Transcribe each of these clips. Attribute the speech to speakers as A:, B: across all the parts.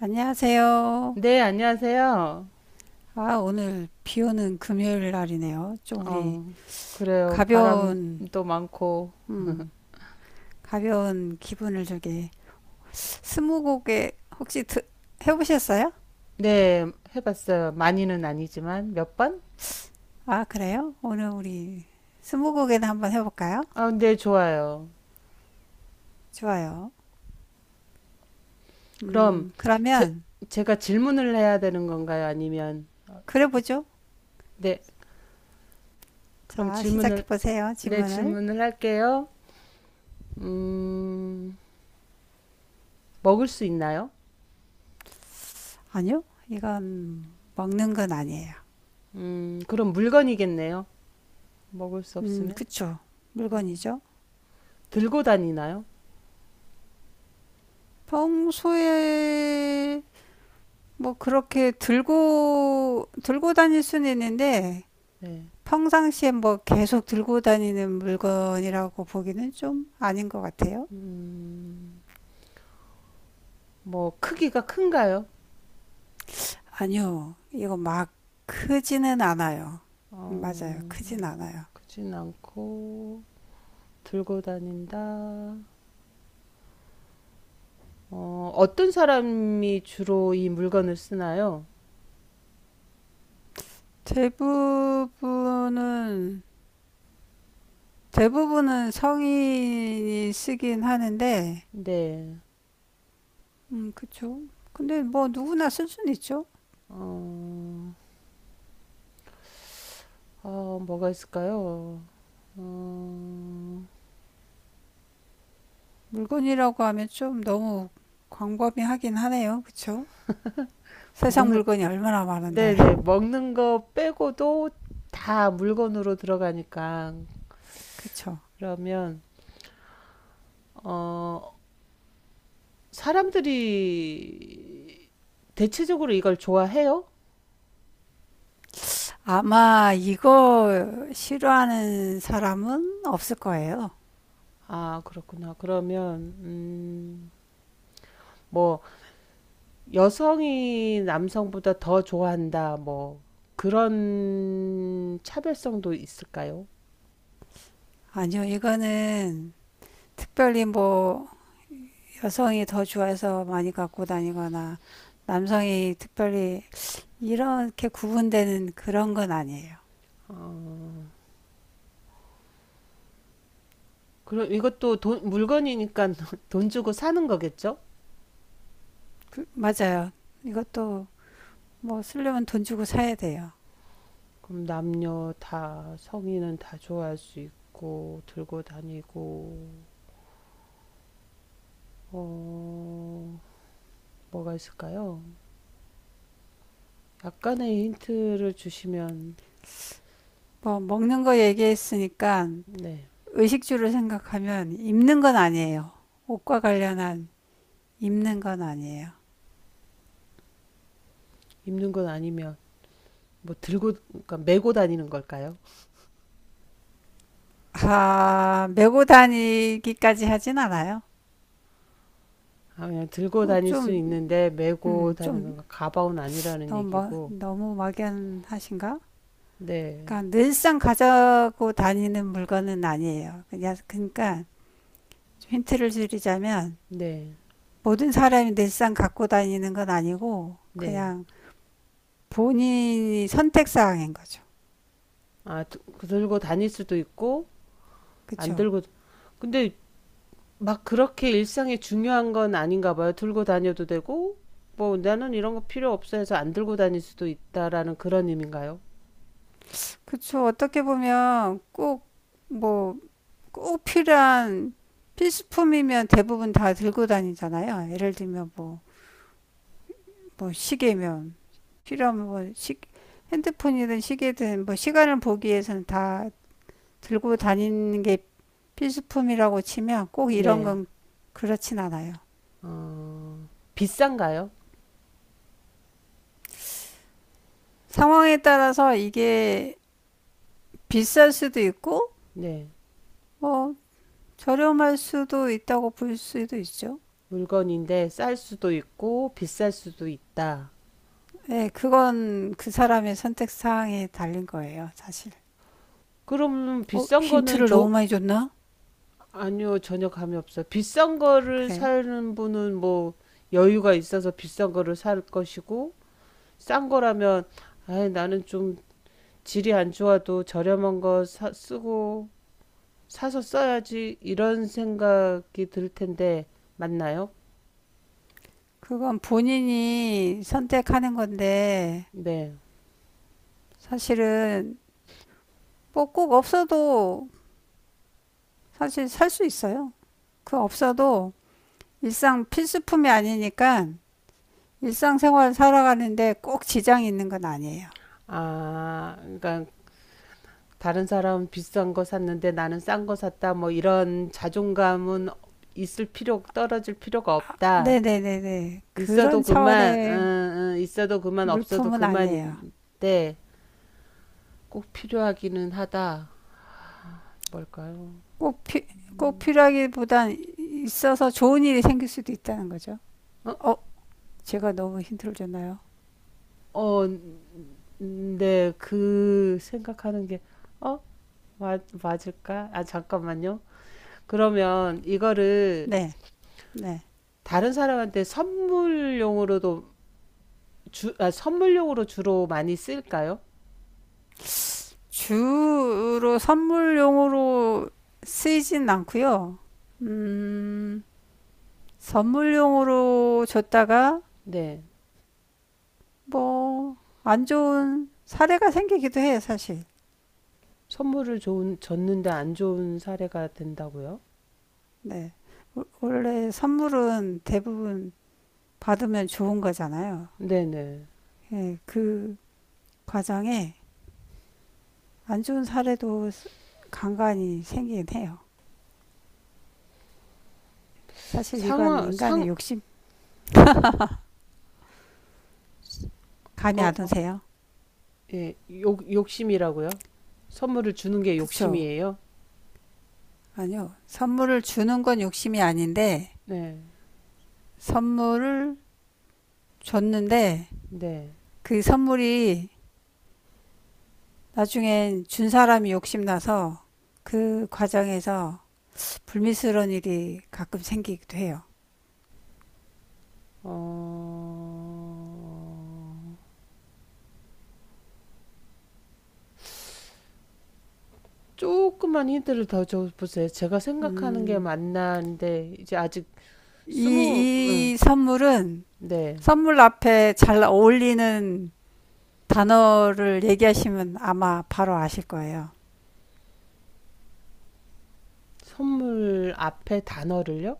A: 안녕하세요.
B: 네, 안녕하세요.
A: 아, 오늘 비 오는 금요일 날이네요. 좀 우리
B: 어, 그래요.
A: 가벼운,
B: 바람도 많고.
A: 음, 가벼운 기분을 저게 스무고개 혹시 해보셨어요?
B: 네, 해봤어요. 많이는 아니지만 몇 번?
A: 아, 그래요? 오늘 우리 스무고개는 한번 해볼까요?
B: 아, 네, 좋아요.
A: 좋아요.
B: 그럼 제,
A: 그러면
B: 제가 질문을 해야 되는 건가요? 아니면
A: 그래보죠.
B: 네, 그럼
A: 자,
B: 질문을.
A: 시작해보세요.
B: 네,
A: 질문을.
B: 질문을 할게요. 음, 먹을 수 있나요?
A: 아니요, 이건 먹는 건 아니에요.
B: 그럼 물건이겠네요. 먹을 수 없으면
A: 그쵸. 물건이죠.
B: 들고 다니나요?
A: 평소에 뭐 그렇게 들고 다닐 수는 있는데
B: 네.
A: 평상시에 뭐 계속 들고 다니는 물건이라고 보기는 좀 아닌 것 같아요.
B: 음, 뭐 크기가 큰가요?
A: 아니요, 이거 막 크지는 않아요. 맞아요,
B: 어,
A: 크진 않아요.
B: 크진 않고 들고 다닌다. 어떤 사람이 주로 이 물건을 쓰나요?
A: 대부분은 대부분은 성인이 쓰긴 하는데,
B: 네.
A: 그쵸. 근데 뭐 누구나 쓸 수는 있죠.
B: 어, 뭐가 있을까요? 어,
A: 물건이라고 하면 좀 너무 광범위하긴 하네요, 그쵸? 세상
B: 먹는,
A: 물건이 얼마나 많은데.
B: 네네. 먹는 거 빼고도 다 물건으로 들어가니까.
A: 그쵸.
B: 그러면, 어, 사람들이 대체적으로 이걸 좋아해요?
A: 아마 이거 싫어하는 사람은 없을 거예요.
B: 아, 그렇구나. 그러면, 뭐, 여성이 남성보다 더 좋아한다, 뭐, 그런 차별성도 있을까요?
A: 아니요, 이거는 특별히 뭐 여성이 더 좋아해서 많이 갖고 다니거나 남성이 특별히 이렇게 구분되는 그런 건 아니에요.
B: 어, 그럼 이것도 돈, 물건이니까 돈 주고 사는 거겠죠?
A: 맞아요. 이것도 뭐 쓰려면 돈 주고 사야 돼요.
B: 그럼 남녀 다, 성인은 다 좋아할 수 있고, 들고 다니고, 어, 뭐가 있을까요? 약간의 힌트를 주시면,
A: 뭐 먹는 거 얘기했으니까
B: 네,
A: 의식주를 생각하면 입는 건 아니에요. 옷과 관련한 입는 건 아니에요.
B: 입는 건 아니면, 뭐, 들고, 그러니까 메고 다니는 걸까요?
A: 아, 메고 다니기까지 하진 않아요.
B: 아, 그냥 들고
A: 그
B: 다닐 수
A: 좀,
B: 있는데 메고
A: 좀
B: 다니는 건 가방은 아니라는
A: 너무 뭐,
B: 얘기고.
A: 너무 막연하신가?
B: 네,
A: 그러니까 늘상 가지고 다니는 물건은 아니에요. 그냥 그러니까 힌트를 드리자면
B: 네,
A: 모든 사람이 늘상 갖고 다니는 건 아니고
B: 네.
A: 그냥 본인이 선택 사항인 거죠.
B: 아, 그 들고 다닐 수도 있고, 안
A: 그렇죠.
B: 들고. 근데 막 그렇게 일상에 중요한 건 아닌가 봐요. 들고 다녀도 되고, 뭐 나는 이런 거 필요 없어 해서 안 들고 다닐 수도 있다라는 그런 의미인가요?
A: 그렇죠. 어떻게 보면 꼭뭐 꼭 필요한 필수품이면 대부분 다 들고 다니잖아요. 예를 들면 뭐, 뭐 시계면 필요하면 뭐 핸드폰이든 시계든 뭐 시간을 보기 위해서는 다 들고 다니는 게 필수품이라고 치면 꼭 이런
B: 네.
A: 건 그렇진 않아요.
B: 어, 비싼가요?
A: 상황에 따라서 이게 비쌀 수도 있고
B: 네.
A: 뭐 저렴할 수도 있다고 볼 수도 있죠.
B: 물건인데 쌀 수도 있고, 비쌀 수도 있다.
A: 네, 그건 그 사람의 선택 사항에 달린 거예요, 사실.
B: 그럼
A: 어,
B: 비싼 거는
A: 힌트를 너무
B: 조,
A: 많이 줬나?
B: 아니요, 전혀 감이 없어요. 비싼 거를
A: 그래요.
B: 사는 분은 뭐 여유가 있어서 비싼 거를 살 것이고, 싼 거라면, 아 나는 좀 질이 안 좋아도 저렴한 거 쓰고, 사서 써야지, 이런 생각이 들 텐데, 맞나요?
A: 그건 본인이 선택하는 건데,
B: 네.
A: 사실은 뭐 꼭 없어도 사실 살 수 있어요. 그 없어도 일상 필수품이 아니니까 일상생활 살아가는데 꼭 지장이 있는 건 아니에요.
B: 아, 그러니까 다른 사람은 비싼 거 샀는데 나는 싼 거 샀다, 뭐 이런 자존감은 떨어질 필요가
A: 아,
B: 없다.
A: 네네네네.
B: 있어도
A: 그런
B: 그만,
A: 차원의
B: 음, 있어도 그만, 없어도
A: 물품은 아니에요.
B: 그만인데 꼭 필요하기는 하다. 뭘까요?
A: 꼭, 피, 꼭
B: 음,
A: 필요하기보단 있어서 좋은 일이 생길 수도 있다는 거죠.
B: 어,
A: 어, 제가 너무 힌트를 줬나요?
B: 어, 네, 그 생각하는 게, 어, 맞을까? 아, 잠깐만요. 그러면 이거를
A: 네, 네.
B: 다른 사람한테 선물용으로도 선물용으로 주로 많이 쓸까요?
A: 주로 선물용으로 쓰이진 않고요. 음, 선물용으로 줬다가
B: 네.
A: 뭐 안 좋은 사례가 생기기도 해요, 사실.
B: 선물을 줬는데 안 좋은 사례가 된다고요?
A: 네. 원- 래 선물은 대부분 받으면 좋은 거잖아요.
B: 네네.
A: 예, 그 과정에 안 좋은 사례도 간간히 생기긴 해요. 사실 이건
B: 상황,
A: 인간의
B: 상,
A: 욕심 감이 안
B: 어,
A: 오세요?
B: 예, 욕심이라고요? 선물을 주는 게
A: 그쵸?
B: 욕심이에요?
A: 아니요. 선물을 주는 건 욕심이 아닌데
B: 네,
A: 선물을 줬는데
B: 네.
A: 그 선물이 나중엔 준 사람이 욕심나서 그 과정에서 불미스러운 일이 가끔 생기기도 해요.
B: 어, 조금만 힌트를 더 줘보세요. 제가 생각하는 게
A: 음,
B: 맞나는데, 이제 아직 응,
A: 이 선물은
B: 네.
A: 선물 앞에 잘 어울리는 단어를 얘기하시면 아마 바로 아실 거예요.
B: 선물 앞에 단어를요?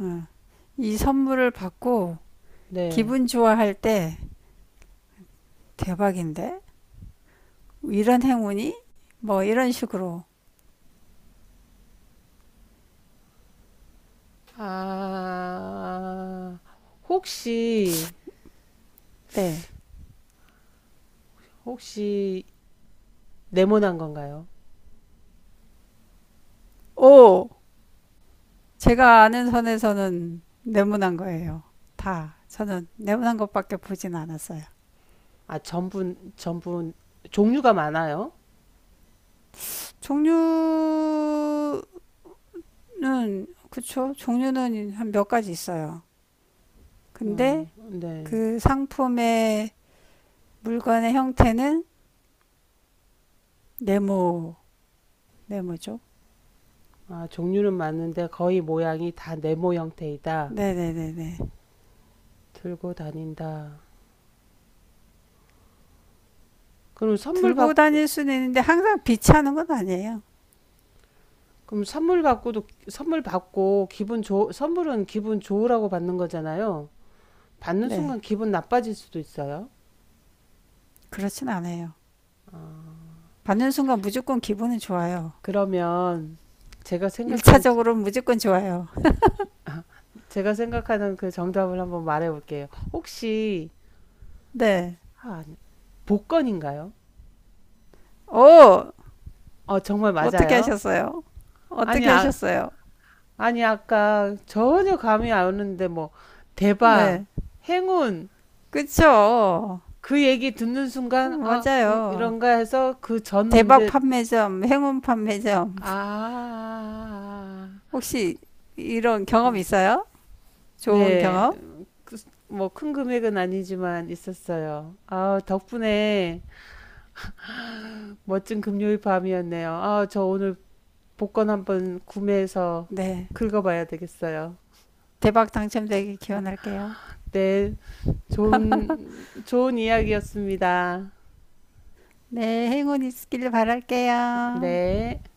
A: 음, 이 선물을 받고
B: 네.
A: 기분 좋아할 때 대박인데? 이런 행운이? 뭐 이런 식으로.
B: 아, 혹시,
A: 네.
B: 혹시 네모난 건가요?
A: 오! 제가 아는 선에서는 네모난 거예요. 다. 저는 네모난 것밖에 보진 않았어요.
B: 아, 종류가 많아요?
A: 종류는, 그쵸? 종류는 한 몇 가지 있어요. 근데
B: 네.
A: 그 상품의 물건의 형태는 네모, 네모죠.
B: 아, 종류는 맞는데 거의 모양이 다 네모 형태이다.
A: 네네네네.
B: 들고 다닌다. 그럼 선물
A: 들고
B: 받
A: 다닐 수는 있는데 항상 비치하는 건 아니에요.
B: 그럼 선물 받고도 선물은 기분 좋으라고 받는 거잖아요. 받는
A: 네.
B: 순간 기분 나빠질 수도 있어요.
A: 그렇진 않아요. 받는 순간 무조건 기분은 좋아요.
B: 그러면 제가 생각하는
A: 일차적으로는 무조건 좋아요.
B: 제가 생각하는 그 정답을 한번 말해 볼게요. 혹시
A: 네.
B: 아, 복권인가요?
A: 오!
B: 정말
A: 어떻게
B: 맞아요.
A: 하셨어요?
B: 아니
A: 어떻게
B: 아,
A: 하셨어요?
B: 아니 아까 전혀 감이 안 오는데 뭐 대박
A: 네.
B: 행운
A: 그쵸.
B: 그 얘기 듣는 순간 아
A: 맞아요.
B: 이런가 해서 그 전
A: 대박
B: 문제
A: 판매점, 행운 판매점.
B: 아 아, 아, 아,
A: 혹시 이런
B: 아.
A: 경험
B: 어.
A: 있어요? 좋은
B: 네.
A: 경험?
B: 그, 뭐큰 금액은 아니지만 있었어요. 아 덕분에 멋진 금요일 밤이었네요. 아 저 오늘 복권 한번 구매해서
A: 네.
B: 긁어봐야 되겠어요.
A: 대박 당첨되길
B: 아,
A: 기원할게요.
B: 네. 좋은 좋은 이야기였습니다.
A: 네. 행운 있길 바랄게요.
B: 네.